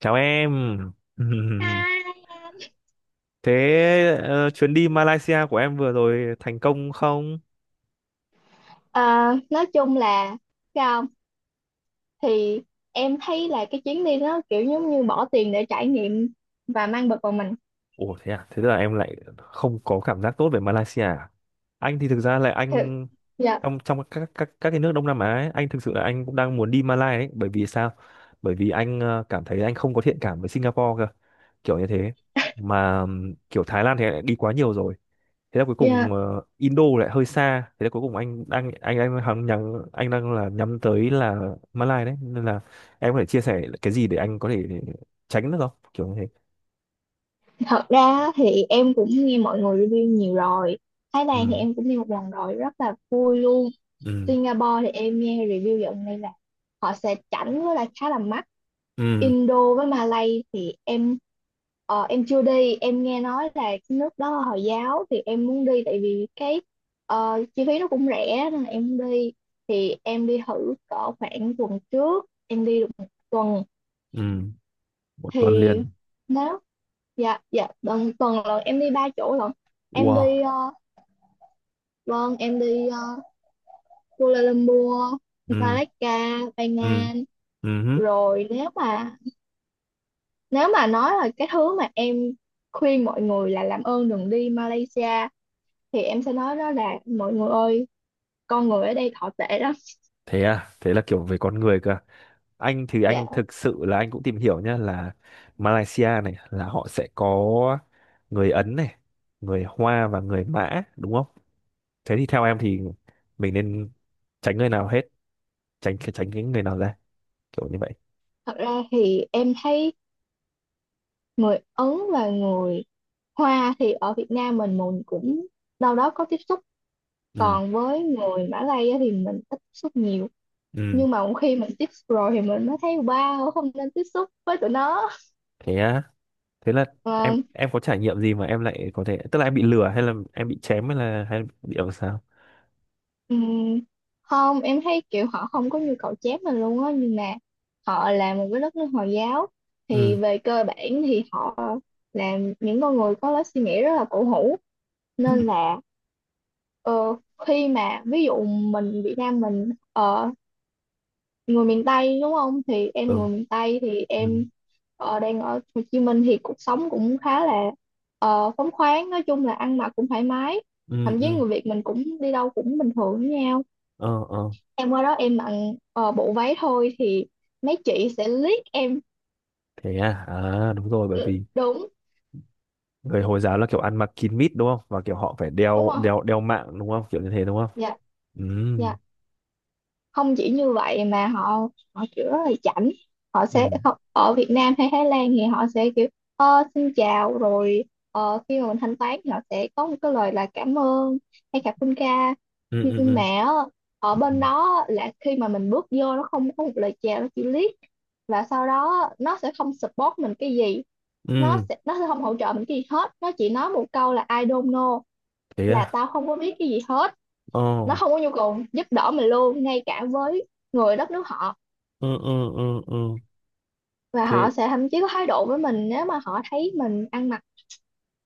Chào em. Thế chuyến đi Malaysia của em vừa rồi thành công không? À, nói chung là sao không? Thì em thấy là cái chuyến đi đó kiểu giống như bỏ tiền để trải nghiệm và mang bực vào mình Ủa thế à? Thế tức là em lại không có cảm giác tốt về Malaysia à? Anh thì thực ra là thật. anh Dạ trong trong các cái nước Đông Nam Á ấy, anh thực sự là anh cũng đang muốn đi Malaysia ấy, bởi vì sao? Bởi vì anh cảm thấy anh không có thiện cảm với Singapore, kiểu như thế mà kiểu Thái Lan thì anh đã đi quá nhiều rồi. Thế là cuối dạ. cùng Indo lại hơi xa, thế là cuối cùng anh đang là nhắm tới là Malai đấy, nên là em có thể chia sẻ cái gì để anh có thể tránh được không, kiểu như thế? Thật ra á, thì em cũng nghe mọi người review nhiều rồi. Thái Ừ. Lan thì em cũng đi một lần rồi rất là vui luôn. Ừ. Singapore thì em nghe review dạo này là họ sẽ chảnh với lại khá là mắc. Ừ. Indo với Malay thì em chưa đi, em nghe nói là cái nước đó là Hồi giáo thì em muốn đi, tại vì cái chi phí nó cũng rẻ nên là em muốn đi. Thì em đi thử cỡ khoảng tuần trước, em đi được một tuần. Ừ. Một tuần Thì liền. nếu, dạ dạ, tuần tuần lần em đi ba chỗ lận. Em Wow. đi, vâng, Kuala Lumpur, Ừ. Malacca, Ừ. Penang. Ừ hứ. Rồi nếu mà nói là cái thứ mà em khuyên mọi người là làm ơn đừng đi Malaysia, thì em sẽ nói đó là mọi người ơi, con người ở đây thọ tệ lắm. Thế à? Thế là kiểu về con người cơ? Anh thì Dạ. anh thực sự là anh cũng tìm hiểu nhá là Malaysia này là họ sẽ có người Ấn này, người Hoa và người Mã, đúng không? Thế thì theo em thì mình nên tránh người nào hết, tránh tránh cái người nào ra, kiểu như vậy? Thật ra thì em thấy người Ấn và người Hoa thì ở Việt Nam mình cũng đâu đó có tiếp xúc, Ừ. còn với người Mã Lai á thì mình ít tiếp xúc nhiều, Ừ. nhưng mà khi mình tiếp xúc rồi thì mình mới thấy wow, không nên tiếp xúc với tụi nó. Thế á? Thế là em Ờ, em có trải nghiệm gì mà em lại có thể, tức là em bị lừa hay là em bị chém hay là hay bị làm sao? Ừm, Không, em thấy kiểu họ không có nhu cầu chép mình luôn á, nhưng mà họ là một cái đất nước Hồi giáo, Ừ. thì về cơ bản thì họ là những con người có lối suy nghĩ rất là cổ hủ, Ừ. nên là ờ, khi mà ví dụ mình Việt Nam mình, người miền Tây đúng không, thì Ừ. em, người miền Tây thì Ừ. em đang ở Hồ Chí Minh, thì cuộc sống cũng khá là phóng khoáng, nói chung là ăn mặc cũng thoải mái, Ừ. thậm chí Ừ. người Việt mình cũng đi đâu cũng bình thường với nhau. Ờ. Ờ. Em qua đó em mặc bộ váy thôi thì mấy chị sẽ liếc em. Thế à? À đúng rồi, bởi Ừ, vì đúng. người Hồi giáo là kiểu ăn mặc kín mít đúng không, và kiểu họ phải Đúng đeo không? đeo đeo mạng đúng không, kiểu như thế đúng không? Dạ Ừ. dạ. Không chỉ như vậy mà họ họ kiểu rất là chảnh. Ừ. Ở Việt Nam hay Thái Lan thì họ sẽ kiểu xin chào rồi, khi mà mình thanh toán thì họ sẽ có một cái lời là cảm ơn hay cảm ơn ca. Ừ. Ừ. Nhưng mà Ừ. á, ở Ừ. bên đó là khi mà mình bước vô, nó không có một lời chào, nó chỉ liếc, và sau đó nó sẽ không support mình cái gì, nó Ừ. sẽ nó sẽ không hỗ trợ mình cái gì hết, nó chỉ nói một câu là I don't know, Thế là à. tao không có biết cái gì hết. Ờ. Nó không có nhu cầu giúp đỡ mình luôn, ngay cả với người đất nước họ. Ừ. Ừ. Ừ. Ừ. Và Thế. họ sẽ thậm chí có thái độ với mình nếu mà họ thấy mình ăn mặc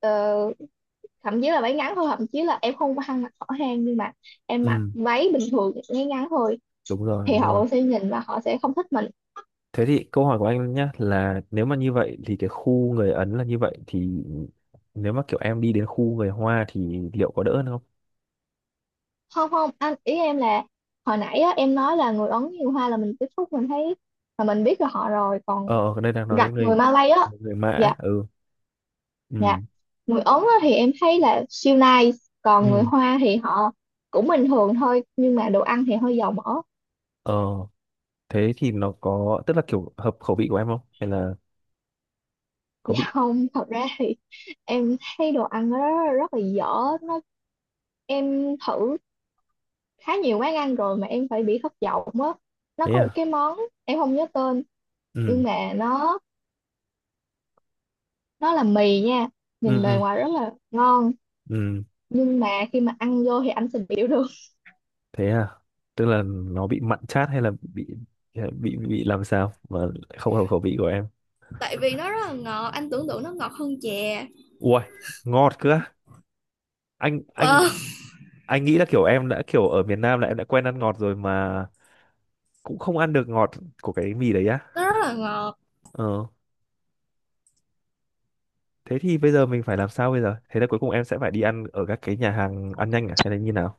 ờ, thậm chí là váy ngắn thôi, thậm chí là em không có ăn mặc hở hang, nhưng mà em mặc Ừ. váy bình thường, váy ngắn thôi, Đúng rồi, thì đúng rồi. họ sẽ nhìn và họ sẽ không thích mình. Thế thì câu hỏi của anh nhá là nếu mà như vậy thì cái khu người Ấn là như vậy thì nếu mà kiểu em đi đến khu người Hoa thì liệu có đỡ hơn không? Không không, anh ý em là hồi nãy á, em nói là người Ấn nhiều hoa là mình tiếp xúc mình thấy, mà mình biết là họ rồi, còn Ờ, ở đây đang nói Giặt đến người người Malay á. người Mã. Dạ Ừ. dạ. Ừ. Người Ấn á, thì em thấy là siêu nice, Ừ. còn người Hoa thì họ cũng bình thường thôi, nhưng mà đồ ăn thì hơi dầu mỡ. Ờ. Thế thì nó có, tức là kiểu hợp khẩu vị của em không, hay là có bị? Dạ không, thật ra thì em thấy đồ ăn nó rất là dở. nó em thử khá nhiều quán ăn rồi mà em phải bị thất vọng á. Nó Thế có một à. cái món em không nhớ tên, Ừ. nhưng mà nó là mì nha, Ừ. nhìn bề Ừ. ngoài rất là ngon Ừ. nhưng mà khi mà ăn vô thì anh sẽ biểu được. Thế à, tức là nó bị mặn chát hay là bị làm sao mà lại không hợp khẩu vị của em? Tại vì nó rất là ngọt, anh tưởng tượng nó ngọt hơn chè, Ui, ngọt cơ á. anh anh anh nghĩ là kiểu em đã kiểu ở miền Nam là em đã quen ăn ngọt rồi mà cũng không ăn được ngọt của cái mì đấy á. nó rất là ngọt. Ờ. Thế thì bây giờ mình phải làm sao bây giờ, thế là cuối cùng em sẽ phải đi ăn ở các cái nhà hàng ăn nhanh à hay là như nào,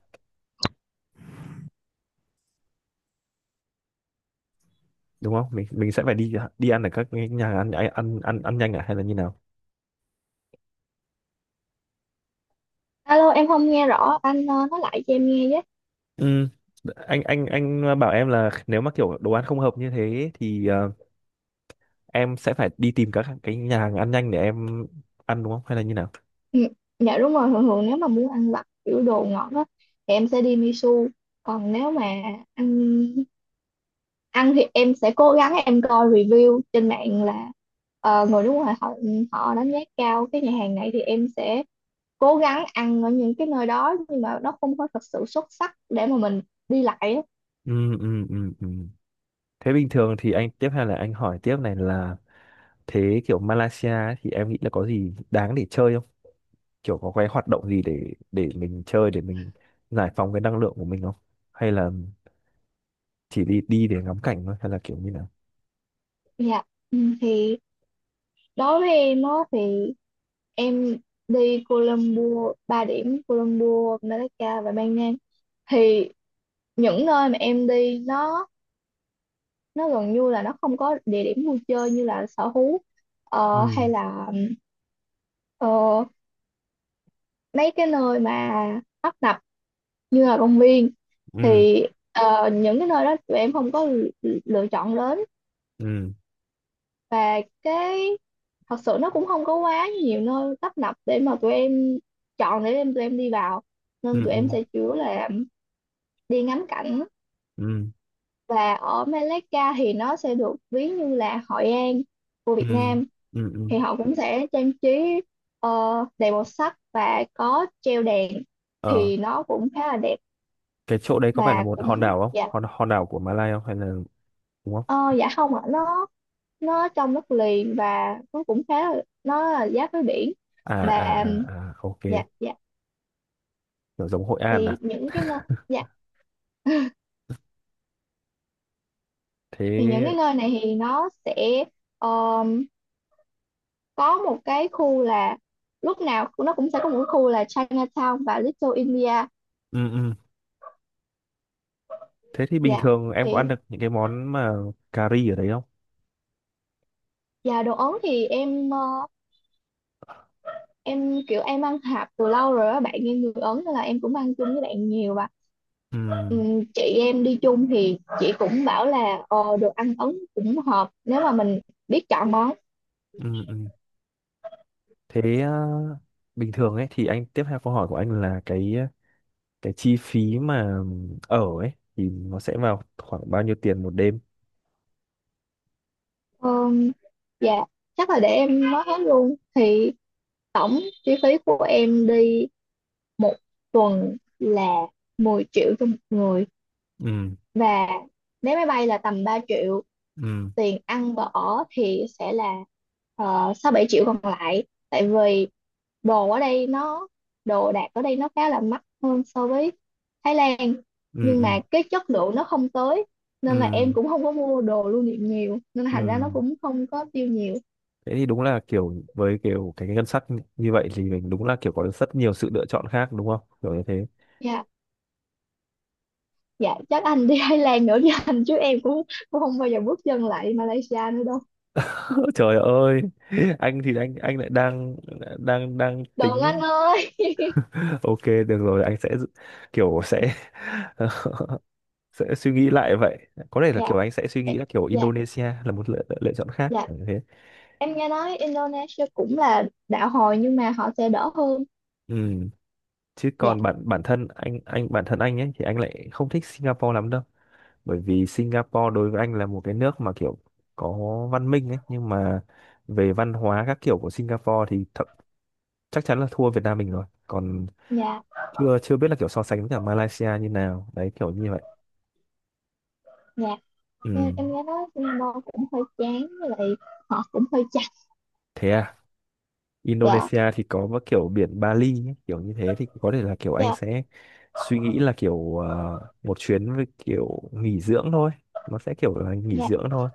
đúng không? Mình sẽ phải đi đi ăn ở các cái nhà hàng ăn nhanh à hay là như nào? Alo, em không nghe rõ, anh nói lại cho em nghe với. Ừ. Anh bảo em là nếu mà kiểu đồ ăn không hợp như thế thì em sẽ phải đi tìm các cái nhà hàng ăn nhanh để em ăn, đúng không hay là như nào? Ừ, dạ đúng rồi, thường thường nếu mà muốn ăn vặt kiểu đồ ngọt á, thì em sẽ đi Misu. Còn nếu mà ăn ăn thì em sẽ cố gắng em coi review trên mạng là người nước ngoài họ họ đánh giá cao cái nhà hàng này, thì em sẽ cố gắng ăn ở những cái nơi đó, nhưng mà nó không có thật sự xuất sắc để mà mình đi lại á. Ừ, ừ, ừ, ừ. Thế bình thường thì anh tiếp, hay là anh hỏi tiếp này là thế kiểu Malaysia ấy thì em nghĩ là có gì đáng để chơi không? Kiểu có cái hoạt động gì để mình chơi để mình giải phóng cái năng lượng của mình không? Hay là chỉ đi đi để ngắm cảnh thôi hay là kiểu như nào? Dạ. Ừ, thì đối với em á thì em đi Colombo, 3 điểm Colombo, Malaga và Ban Nang. Thì những nơi mà em đi nó gần như là nó không có địa điểm vui chơi như là sở thú, Ừ, hay là ờ, mấy cái nơi mà tấp nập như là công viên, ừ, thì những cái nơi đó tụi em không có lựa chọn đến. ừ, Và cái, thật sự nó cũng không có quá nhiều nơi tấp nập để mà tụi em chọn để tụi em đi vào, ừ, nên tụi ừ, em sẽ chủ yếu là đi ngắm cảnh. ừ, Và ở Malacca thì nó sẽ được ví như là Hội An của ừ, Việt Nam, ừ. Ừ. thì họ cũng sẽ trang trí ờ, đầy màu sắc và có treo đèn, Ờ. thì nó cũng khá là đẹp. Cái chỗ đấy có phải là Và một hòn cũng đảo không, dạ, hòn hòn đảo của Malai không hay là đúng ờ, không? dạ không ạ, nó trong đất liền và nó cũng khá là, nó là giáp với biển À à. và, À, à, ok. dạ dạ, Kiểu giống Hội An thì à? những cái nơi dạ thì những Thế. cái nơi này thì nó sẽ ờ, có một cái khu là, lúc nào nó cũng sẽ có một cái khu là Chinatown và Little India. Ừ, ừ. Thế thì bình Dạ, thường em có ăn thì, được những cái món mà cà ri ở đấy không? dạ, đồ Ấn thì em kiểu em ăn hạp từ lâu rồi á, bạn em người Ấn nên là em cũng ăn chung với bạn nhiều, và Ừ, chị em đi chung thì chị cũng bảo là đồ ăn Ấn cũng hợp nếu mà mình biết chọn món. ừ, ừ. Thế à, bình thường ấy thì anh tiếp theo câu hỏi của anh là cái cái chi phí mà ở ấy thì nó sẽ vào khoảng bao nhiêu tiền một đêm? Ờm, dạ chắc là để em nói hết luôn thì tổng chi phí của em đi một tuần là 10 triệu cho một người, Ừ, và vé máy bay là tầm 3 triệu, ừ, tiền ăn và ở thì sẽ là 6-7 triệu còn lại, tại vì đồ ở đây nó đồ đạc ở đây nó khá là mắc hơn so với Thái Lan, ừ, nhưng ừ, mà cái chất lượng nó không tới, nên là em ừ, cũng không có mua đồ lưu niệm nhiều, nên là ừ. thành ra nó cũng không có tiêu nhiều. Thế thì đúng là kiểu với kiểu cái ngân sách như vậy thì mình đúng là kiểu có rất nhiều sự lựa chọn khác đúng không kiểu như thế? Dạ dạ, chắc anh đi Thái Lan nữa với anh chứ em cũng cũng không bao giờ bước chân lại Malaysia nữa đâu. Trời ơi, anh thì anh lại đang đang đang Đừng tính. anh ơi. Ok được rồi, anh sẽ kiểu sẽ sẽ suy nghĩ lại vậy, có thể là Dạ kiểu anh sẽ suy dạ nghĩ là kiểu dạ Indonesia là một lựa chọn khác dạ. kiểu như thế. Em nghe nói Indonesia cũng là đạo hồi, nhưng mà họ sẽ đỡ hơn. Ừ. Chứ Dạ, còn bản bản thân anh, bản thân anh ấy thì anh lại không thích Singapore lắm đâu, bởi vì Singapore đối với anh là một cái nước mà kiểu có văn minh ấy, nhưng mà về văn hóa các kiểu của Singapore thì thậm, chắc chắn là thua Việt Nam mình rồi, còn dạ, chưa chưa biết là kiểu so sánh với cả Malaysia như nào đấy kiểu như vậy. dạ. Ừ. Em nghe nói Singapore cũng hơi chán, với lại họ cũng hơi chặt. Thế à. Dạ, Indonesia thì có một kiểu biển Bali ấy, kiểu như thế thì có thể là kiểu anh dạ, sẽ suy nghĩ là kiểu một chuyến với kiểu nghỉ dưỡng thôi, nó sẽ kiểu là nghỉ dạ, dưỡng thôi.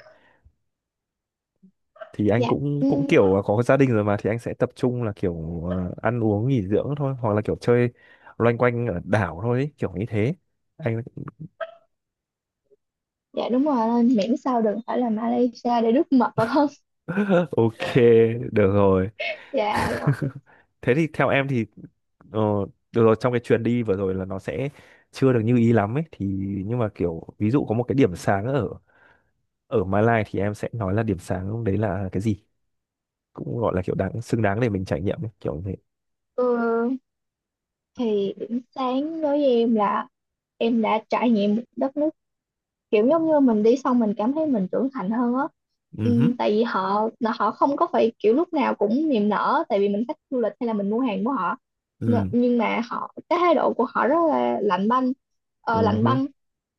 Thì anh dạ. cũng cũng Ừm, kiểu là có gia đình rồi mà, thì anh sẽ tập trung là kiểu ăn uống nghỉ dưỡng thôi, hoặc là kiểu chơi loanh quanh ở đảo thôi ấy, kiểu như thế. Anh dạ đúng rồi, nên miễn sao đừng phải là Malaysia để đứt mật vào thân. ok được rồi. Dạ rồi. Thế thì theo em thì ờ, được rồi, trong cái chuyến đi vừa rồi là nó sẽ chưa được như ý lắm ấy thì nhưng mà kiểu ví dụ có một cái điểm sáng ở ở Malai thì em sẽ nói là điểm sáng đấy là cái gì, cũng gọi là kiểu đáng xứng đáng để mình trải nghiệm ấy, kiểu như thế. Ừ, thì điểm sáng đối với em là em đã trải nghiệm một đất nước, kiểu giống như mình đi xong mình cảm thấy mình trưởng thành hơn á. Ừ hứ. Ừ, tại vì họ là họ không có phải kiểu lúc nào cũng niềm nở tại vì mình khách du lịch hay là mình mua hàng của họ. Ừ. Nhưng mà cái thái độ của họ rất là lạnh banh, Ừ lạnh hứ. băng,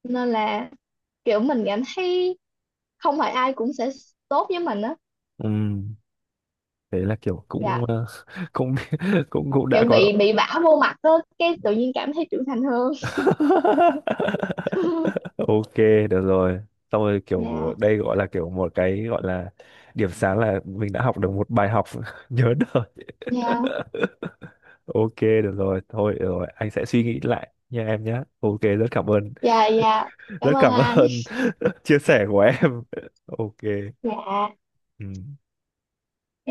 nên là kiểu mình cảm thấy không phải ai cũng sẽ tốt với mình á. Ừ. Thế là kiểu cũng Dạ, cũng cũng cũng kiểu đã có. bị vả vô mặt á, cái tự nhiên cảm thấy trưởng thành hơn. Ok được rồi, xong rồi kiểu của dạ đây gọi là kiểu một cái gọi là điểm sáng là mình đã học được một bài học nhớ đời. dạ Ok được rồi, thôi được rồi, anh sẽ suy nghĩ lại nha em nhé. Ok, rất cảm ơn. dạ dạ, Rất cảm ơn cảm anh, ơn chia sẻ của em. Ok. dạ. Ừ.